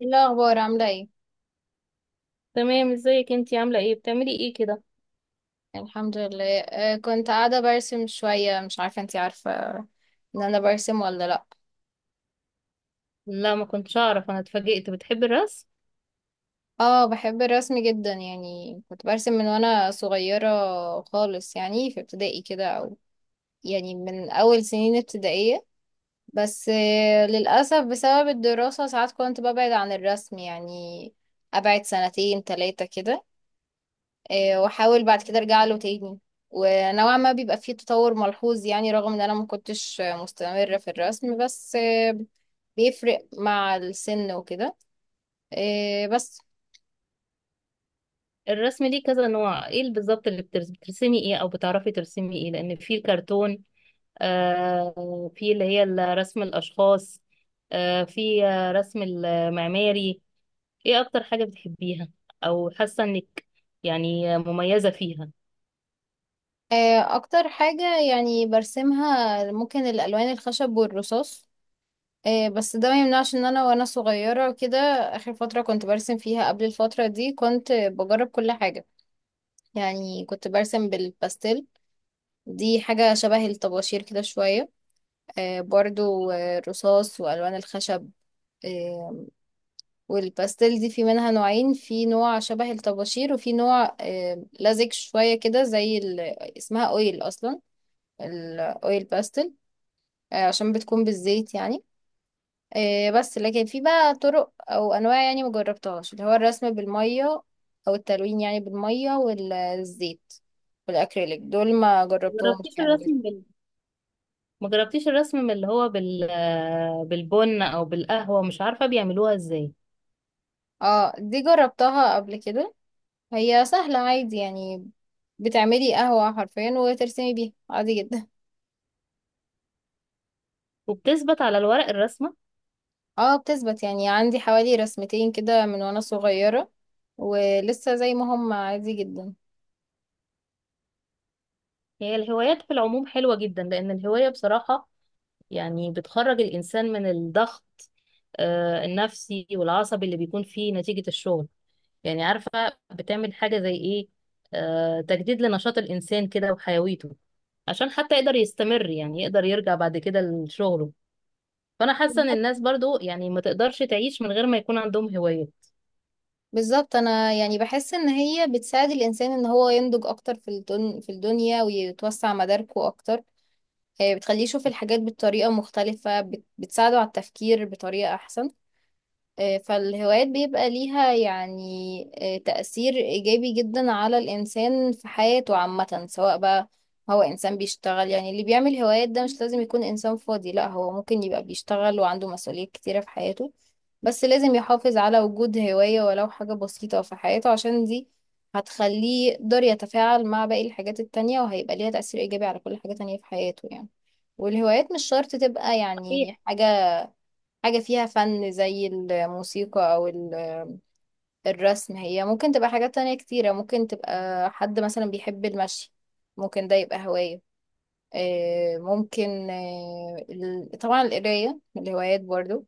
إيه الأخبار عاملة ايه؟ تمام، ازيك؟ انتي عاملة ايه بتعملي ايه كده؟ الحمد لله، كنت قاعدة برسم شوية. مش عارفة انتي عارفة ان انا برسم ولا لأ. لا، ما كنتش اعرف، انا اتفاجئت بتحبي الرسم. اه، بحب الرسم جدا، يعني كنت برسم من وانا صغيرة خالص، يعني في ابتدائي كده، او يعني من اول سنين ابتدائية. بس للأسف بسبب الدراسة ساعات كنت ببعد عن الرسم، يعني ابعد سنتين تلاتة كده. واحاول بعد كده ارجع له تاني، ونوعا ما بيبقى فيه تطور ملحوظ، يعني رغم ان انا ما كنتش مستمرة في الرسم، بس بيفرق مع السن وكده. آه، بس الرسم ليه كذا نوع، ايه اللي بالظبط اللي بترسمي ايه او بتعرفي ترسمي ايه؟ لان في الكرتون، في اللي هي رسم الاشخاص، في رسم المعماري. ايه اكتر حاجة بتحبيها او حاسة انك يعني مميزة فيها؟ آه، اكتر حاجة يعني برسمها ممكن الالوان الخشب والرصاص. بس ده ما يمنعش ان انا وانا صغيرة وكده اخر فترة كنت برسم فيها قبل الفترة دي كنت بجرب كل حاجة. يعني كنت برسم بالباستيل، دي حاجة شبه الطباشير كده شوية. برضو الرصاص وألوان الخشب. آه، والباستيل دي في منها نوعين، في نوع شبه الطباشير وفي نوع لزج شوية كده زي ال... اسمها أويل أصلا، الأويل باستيل، عشان بتكون بالزيت يعني. بس لكن في بقى طرق أو أنواع يعني مجربتهاش، اللي هو الرسم بالمية، أو التلوين يعني بالمية والزيت والأكريليك، دول ما جربتهمش مجربتيش يعني لسه. الرسم بال ما جربتيش الرسم من اللي هو بالبن او بالقهوة، مش عارفة بيعملوها ازاي؟ اه، دي جربتها قبل كده، هي سهلة عادي يعني. بتعملي قهوة حرفيا وترسمي بيها عادي جدا. وبتثبت على الورق الرسمة؟ اه بتثبت، يعني عندي حوالي رسمتين كده من وانا صغيرة ولسه زي ما هم عادي جدا. هي الهوايات في العموم حلوة جدا، لأن الهواية بصراحة يعني بتخرج الإنسان من الضغط النفسي والعصبي اللي بيكون فيه نتيجة الشغل. يعني عارفة بتعمل حاجة زي إيه؟ تجديد لنشاط الإنسان كده وحيويته، عشان حتى يقدر يستمر، يعني يقدر يرجع بعد كده لشغله. فأنا حاسة إن الناس بالظبط. برضو يعني ما تقدرش تعيش من غير ما يكون عندهم هوايات. بالظبط، انا يعني بحس ان هي بتساعد الانسان ان هو ينضج اكتر في الدنيا ويتوسع مداركه اكتر. بتخليه يشوف الحاجات بطريقة مختلفة، بتساعده على التفكير بطريقة احسن. فالهوايات بيبقى ليها يعني تأثير إيجابي جدا على الإنسان في حياته عامة. سواء بقى هو إنسان بيشتغل، يعني اللي بيعمل هوايات ده مش لازم يكون إنسان فاضي، لا، هو ممكن يبقى بيشتغل وعنده مسؤوليات كتيرة في حياته، بس لازم يحافظ على وجود هواية ولو حاجة بسيطة في حياته، عشان دي هتخليه يقدر يتفاعل مع باقي الحاجات التانية وهيبقى ليها تأثير إيجابي على كل حاجة تانية في حياته يعني. والهوايات مش شرط تبقى صحيح. يعني حاجة فيها فن زي الموسيقى أو الرسم، هي ممكن تبقى حاجات تانية كتيرة، ممكن تبقى حد مثلا بيحب المشي ممكن ده يبقى هواية. طبعا القراية من الهوايات برضو.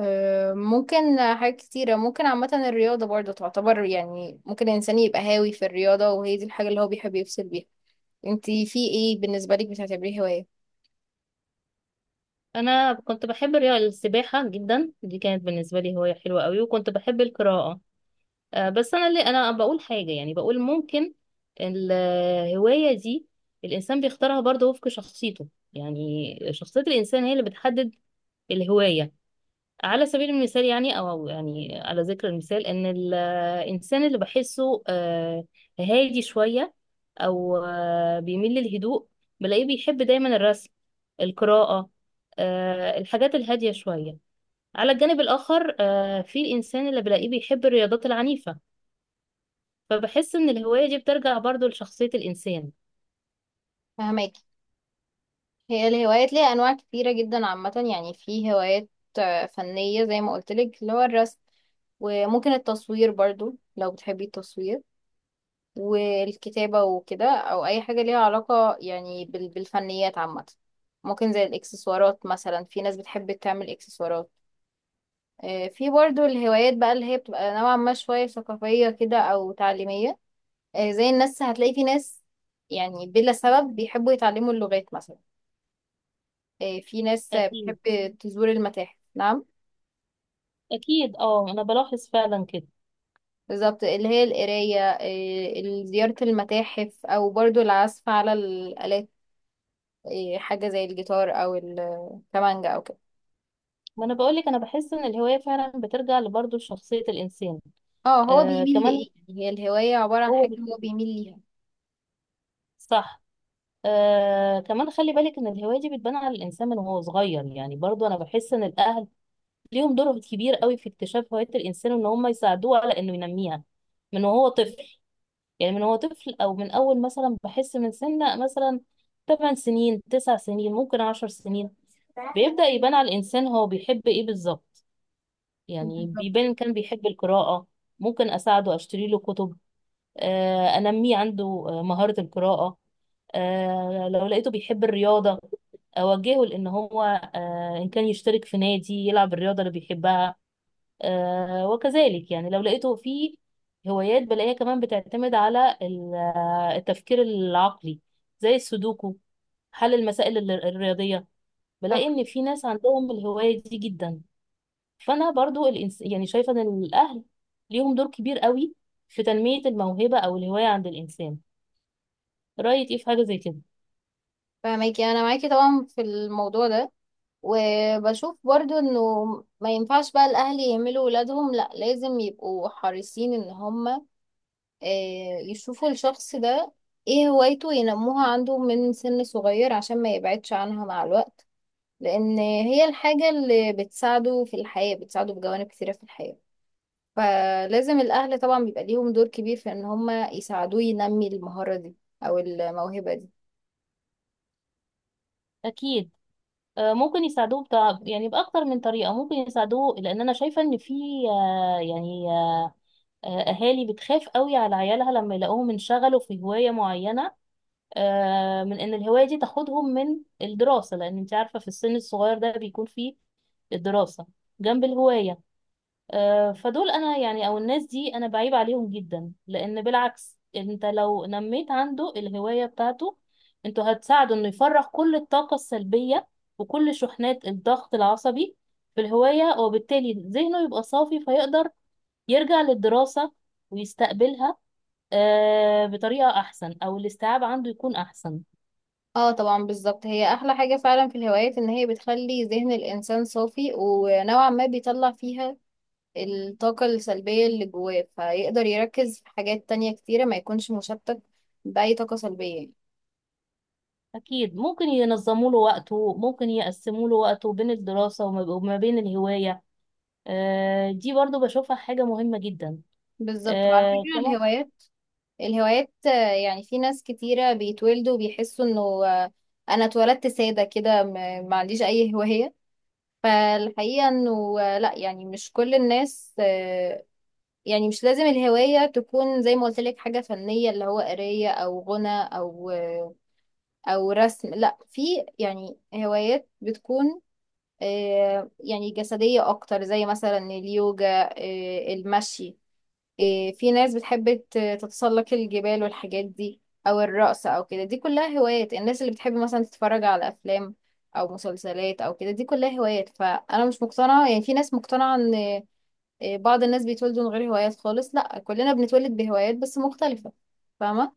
آه، ممكن حاجات كتيرة ممكن. عامة الرياضة برضو تعتبر، يعني ممكن الإنسان يبقى هاوي في الرياضة وهي دي الحاجة اللي هو بيحب يفصل بيها. انتي في ايه بالنسبة لك بتعتبريه هواية؟ أنا كنت بحب السباحة جدا، دي كانت بالنسبة لي هواية حلوة قوي، وكنت بحب القراءة. بس انا بقول حاجه، يعني بقول ممكن الهوايه دي الانسان بيختارها برضه وفق شخصيته. يعني شخصيه الانسان هي اللي بتحدد الهوايه. على سبيل المثال يعني، او يعني على ذكر المثال، ان الانسان اللي بحسه هادي شويه، او بيميل للهدوء، بلاقيه بيحب دايما الرسم، القراءه، الحاجات الهاديه شويه. على الجانب الاخر، في الانسان اللي بلاقيه بيحب الرياضات العنيفه. فبحس ان الهواية دي بترجع برضو لشخصية الانسان. فهماكي. هي الهوايات ليها انواع كتيره جدا عامه، يعني في هوايات فنيه زي ما قلت لك، اللي هو الرسم، وممكن التصوير برضو لو بتحبي التصوير، والكتابه وكده، او اي حاجه ليها علاقه يعني بالفنيات عامه. ممكن زي الاكسسوارات، مثلا في ناس بتحب تعمل اكسسوارات. في برضو الهوايات بقى اللي هي بتبقى نوعا ما شويه ثقافيه كده او تعليميه. زي الناس هتلاقي في ناس يعني بلا سبب بيحبوا يتعلموا اللغات مثلا. في ناس اكيد، بتحب تزور المتاحف. نعم، اكيد، اه انا بلاحظ فعلا كده. بالظبط، اللي هي القراية، زيارة المتاحف، أو برضو العزف على الآلات، حاجة زي الجيتار أو الكمانجا أو كده. ما انا بقولك انا بحس ان الهوايه فعلا بترجع برضه لشخصيه الانسان. اه، هو بيميل لإيه، كمان يعني هي الهواية عبارة عن هو حاجة هو بيكون- بيميل ليها. صح. كمان خلي بالك ان الهوايه دي بتبان على الانسان من وهو صغير، يعني برضه انا بحس ان الاهل ليهم دور كبير قوي في اكتشاف هوايه الانسان، وان هم يساعدوه على انه ينميها من وهو طفل. يعني من هو طفل، او من اول مثلا بحس من سنة مثلا 8 سنين، 9 سنين، ممكن 10 سنين، بيبدأ يبان على الانسان هو بيحب ايه بالظبط. يعني بيبان بالظبط. إن كان بيحب القراءة، ممكن اساعده اشتري له كتب، انميه عنده مهارة القراءة. لو لقيته بيحب الرياضة، اوجهه لان هو آه، ان كان يشترك في نادي يلعب الرياضه اللي بيحبها. وكذلك يعني، لو لقيته في هوايات بلاقيها كمان بتعتمد على التفكير العقلي، زي السودوكو، حل المسائل الرياضية. بلاقي صح. ان في ناس عندهم الهواية دي جدا. فانا برضو يعني شايفة ان الاهل ليهم دور كبير قوي في تنمية الموهبة او الهواية عند الانسان. رأيك ايه في حاجة زي كده؟ فاهماكي، أنا معاكي طبعا في الموضوع ده. وبشوف برضو انه ما ينفعش بقى الاهل يهملوا ولادهم، لا لازم يبقوا حريصين ان هم يشوفوا الشخص ده ايه هوايته، ينموها عنده من سن صغير عشان ما يبعدش عنها مع الوقت. لان هي الحاجة اللي بتساعده في الحياة، بتساعده في جوانب كثيرة في الحياة. فلازم الاهل طبعا بيبقى ليهم دور كبير في ان هما يساعدوه ينمي المهارة دي او الموهبة دي. اكيد. ممكن يساعدوه بتاع، يعني بأكتر من طريقة ممكن يساعدوه، لأن أنا شايفة إن في يعني أهالي بتخاف قوي على عيالها لما يلاقوهم انشغلوا في هواية معينة، من إن الهواية دي تاخدهم من الدراسة، لأن أنت عارفة في السن الصغير ده بيكون فيه الدراسة جنب الهواية. فدول أنا يعني، أو الناس دي أنا بعيب عليهم جدا، لأن بالعكس أنت لو نميت عنده الهواية بتاعته، أنتوا هتساعده إنه يفرغ كل الطاقة السلبية وكل شحنات الضغط العصبي في الهواية، وبالتالي ذهنه يبقى صافي فيقدر يرجع للدراسة ويستقبلها بطريقة أحسن، أو الاستيعاب عنده يكون أحسن. اه طبعا، بالظبط. هي احلى حاجة فعلا في الهوايات ان هي بتخلي ذهن الانسان صافي، ونوعا ما بيطلع فيها الطاقة السلبية اللي جواه، فيقدر يركز في حاجات تانية كتيرة ما يكونش مشتت بأي طاقة سلبية يعني. أكيد، ممكن ينظموا له وقته، ممكن يقسموا له وقته بين الدراسة وما بين الهواية. دي برضو بشوفها حاجة مهمة جدا. بالظبط. وعلى آه، فكرة تمام. الهوايات، الهوايات آه، يعني في ناس كتيرة بيتولدوا بيحسوا انه انا اتولدت سادة كده، ما عنديش اي هواية. فالحقيقة انه لا، يعني مش كل الناس يعني مش لازم الهواية تكون زي ما قلت لك حاجة فنية، اللي هو قراية او غنى او رسم، لا، في يعني هوايات بتكون يعني جسدية أكتر زي مثلا اليوجا، المشي، في ناس بتحب تتسلق الجبال والحاجات دي، أو الرقص أو كده، دي كلها هوايات. الناس اللي بتحب مثلا تتفرج على أفلام أو مسلسلات أو كده دي كلها هوايات. فأنا مش مقتنعة، يعني في ناس مقتنعة إن بعض الناس بيتولدوا من غير هوايات خالص، لأ كلنا بنتولد بهوايات بس مختلفة. فاهمة؟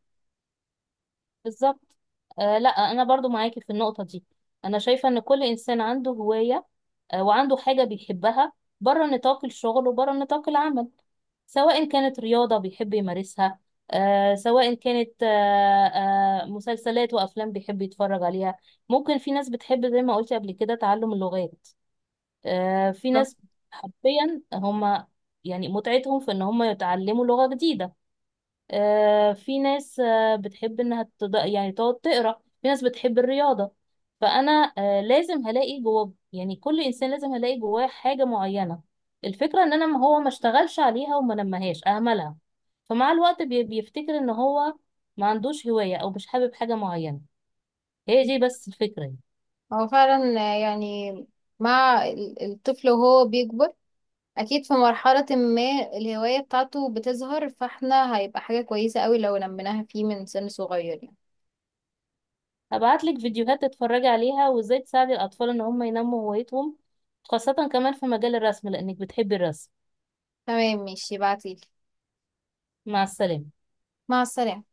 بالظبط. لا، أنا برضو معاكي في النقطة دي. أنا شايفة إن كل إنسان عنده هواية، وعنده حاجة بيحبها، بره نطاق الشغل وبره نطاق العمل، سواء كانت رياضة بيحب يمارسها، سواء كانت مسلسلات وأفلام بيحب يتفرج عليها، ممكن في ناس بتحب زي ما قلت قبل كده تعلم اللغات. في بالظبط. ناس حرفيا هما يعني متعتهم في ان هما يتعلموا لغة جديدة. في ناس بتحب انها يعني تقعد تقرا، في ناس بتحب الرياضة. فانا لازم هلاقي جوه، يعني كل انسان لازم هلاقي جواه حاجة معينة. الفكرة ان انا ما هو ما اشتغلش عليها وما نمهاش اهملها، فمع الوقت بيفتكر ان هو ما عندوش هواية او مش حابب حاجة معينة. هي دي بس الفكرة يعني. هو فعلا يعني مع الطفل وهو بيكبر اكيد في مرحلة ما الهواية بتاعته بتظهر، فاحنا هيبقى حاجة كويسة قوي لو نميناها فيه من سن صغير يعني. هبعتلك فيديوهات تتفرجي عليها وازاي تساعدي الاطفال ان هم ينموا هوايتهم، خاصة كمان في مجال الرسم لانك بتحبي الرسم. تمام ماشي، بعتيلي. مع السلامة. مع السلامة.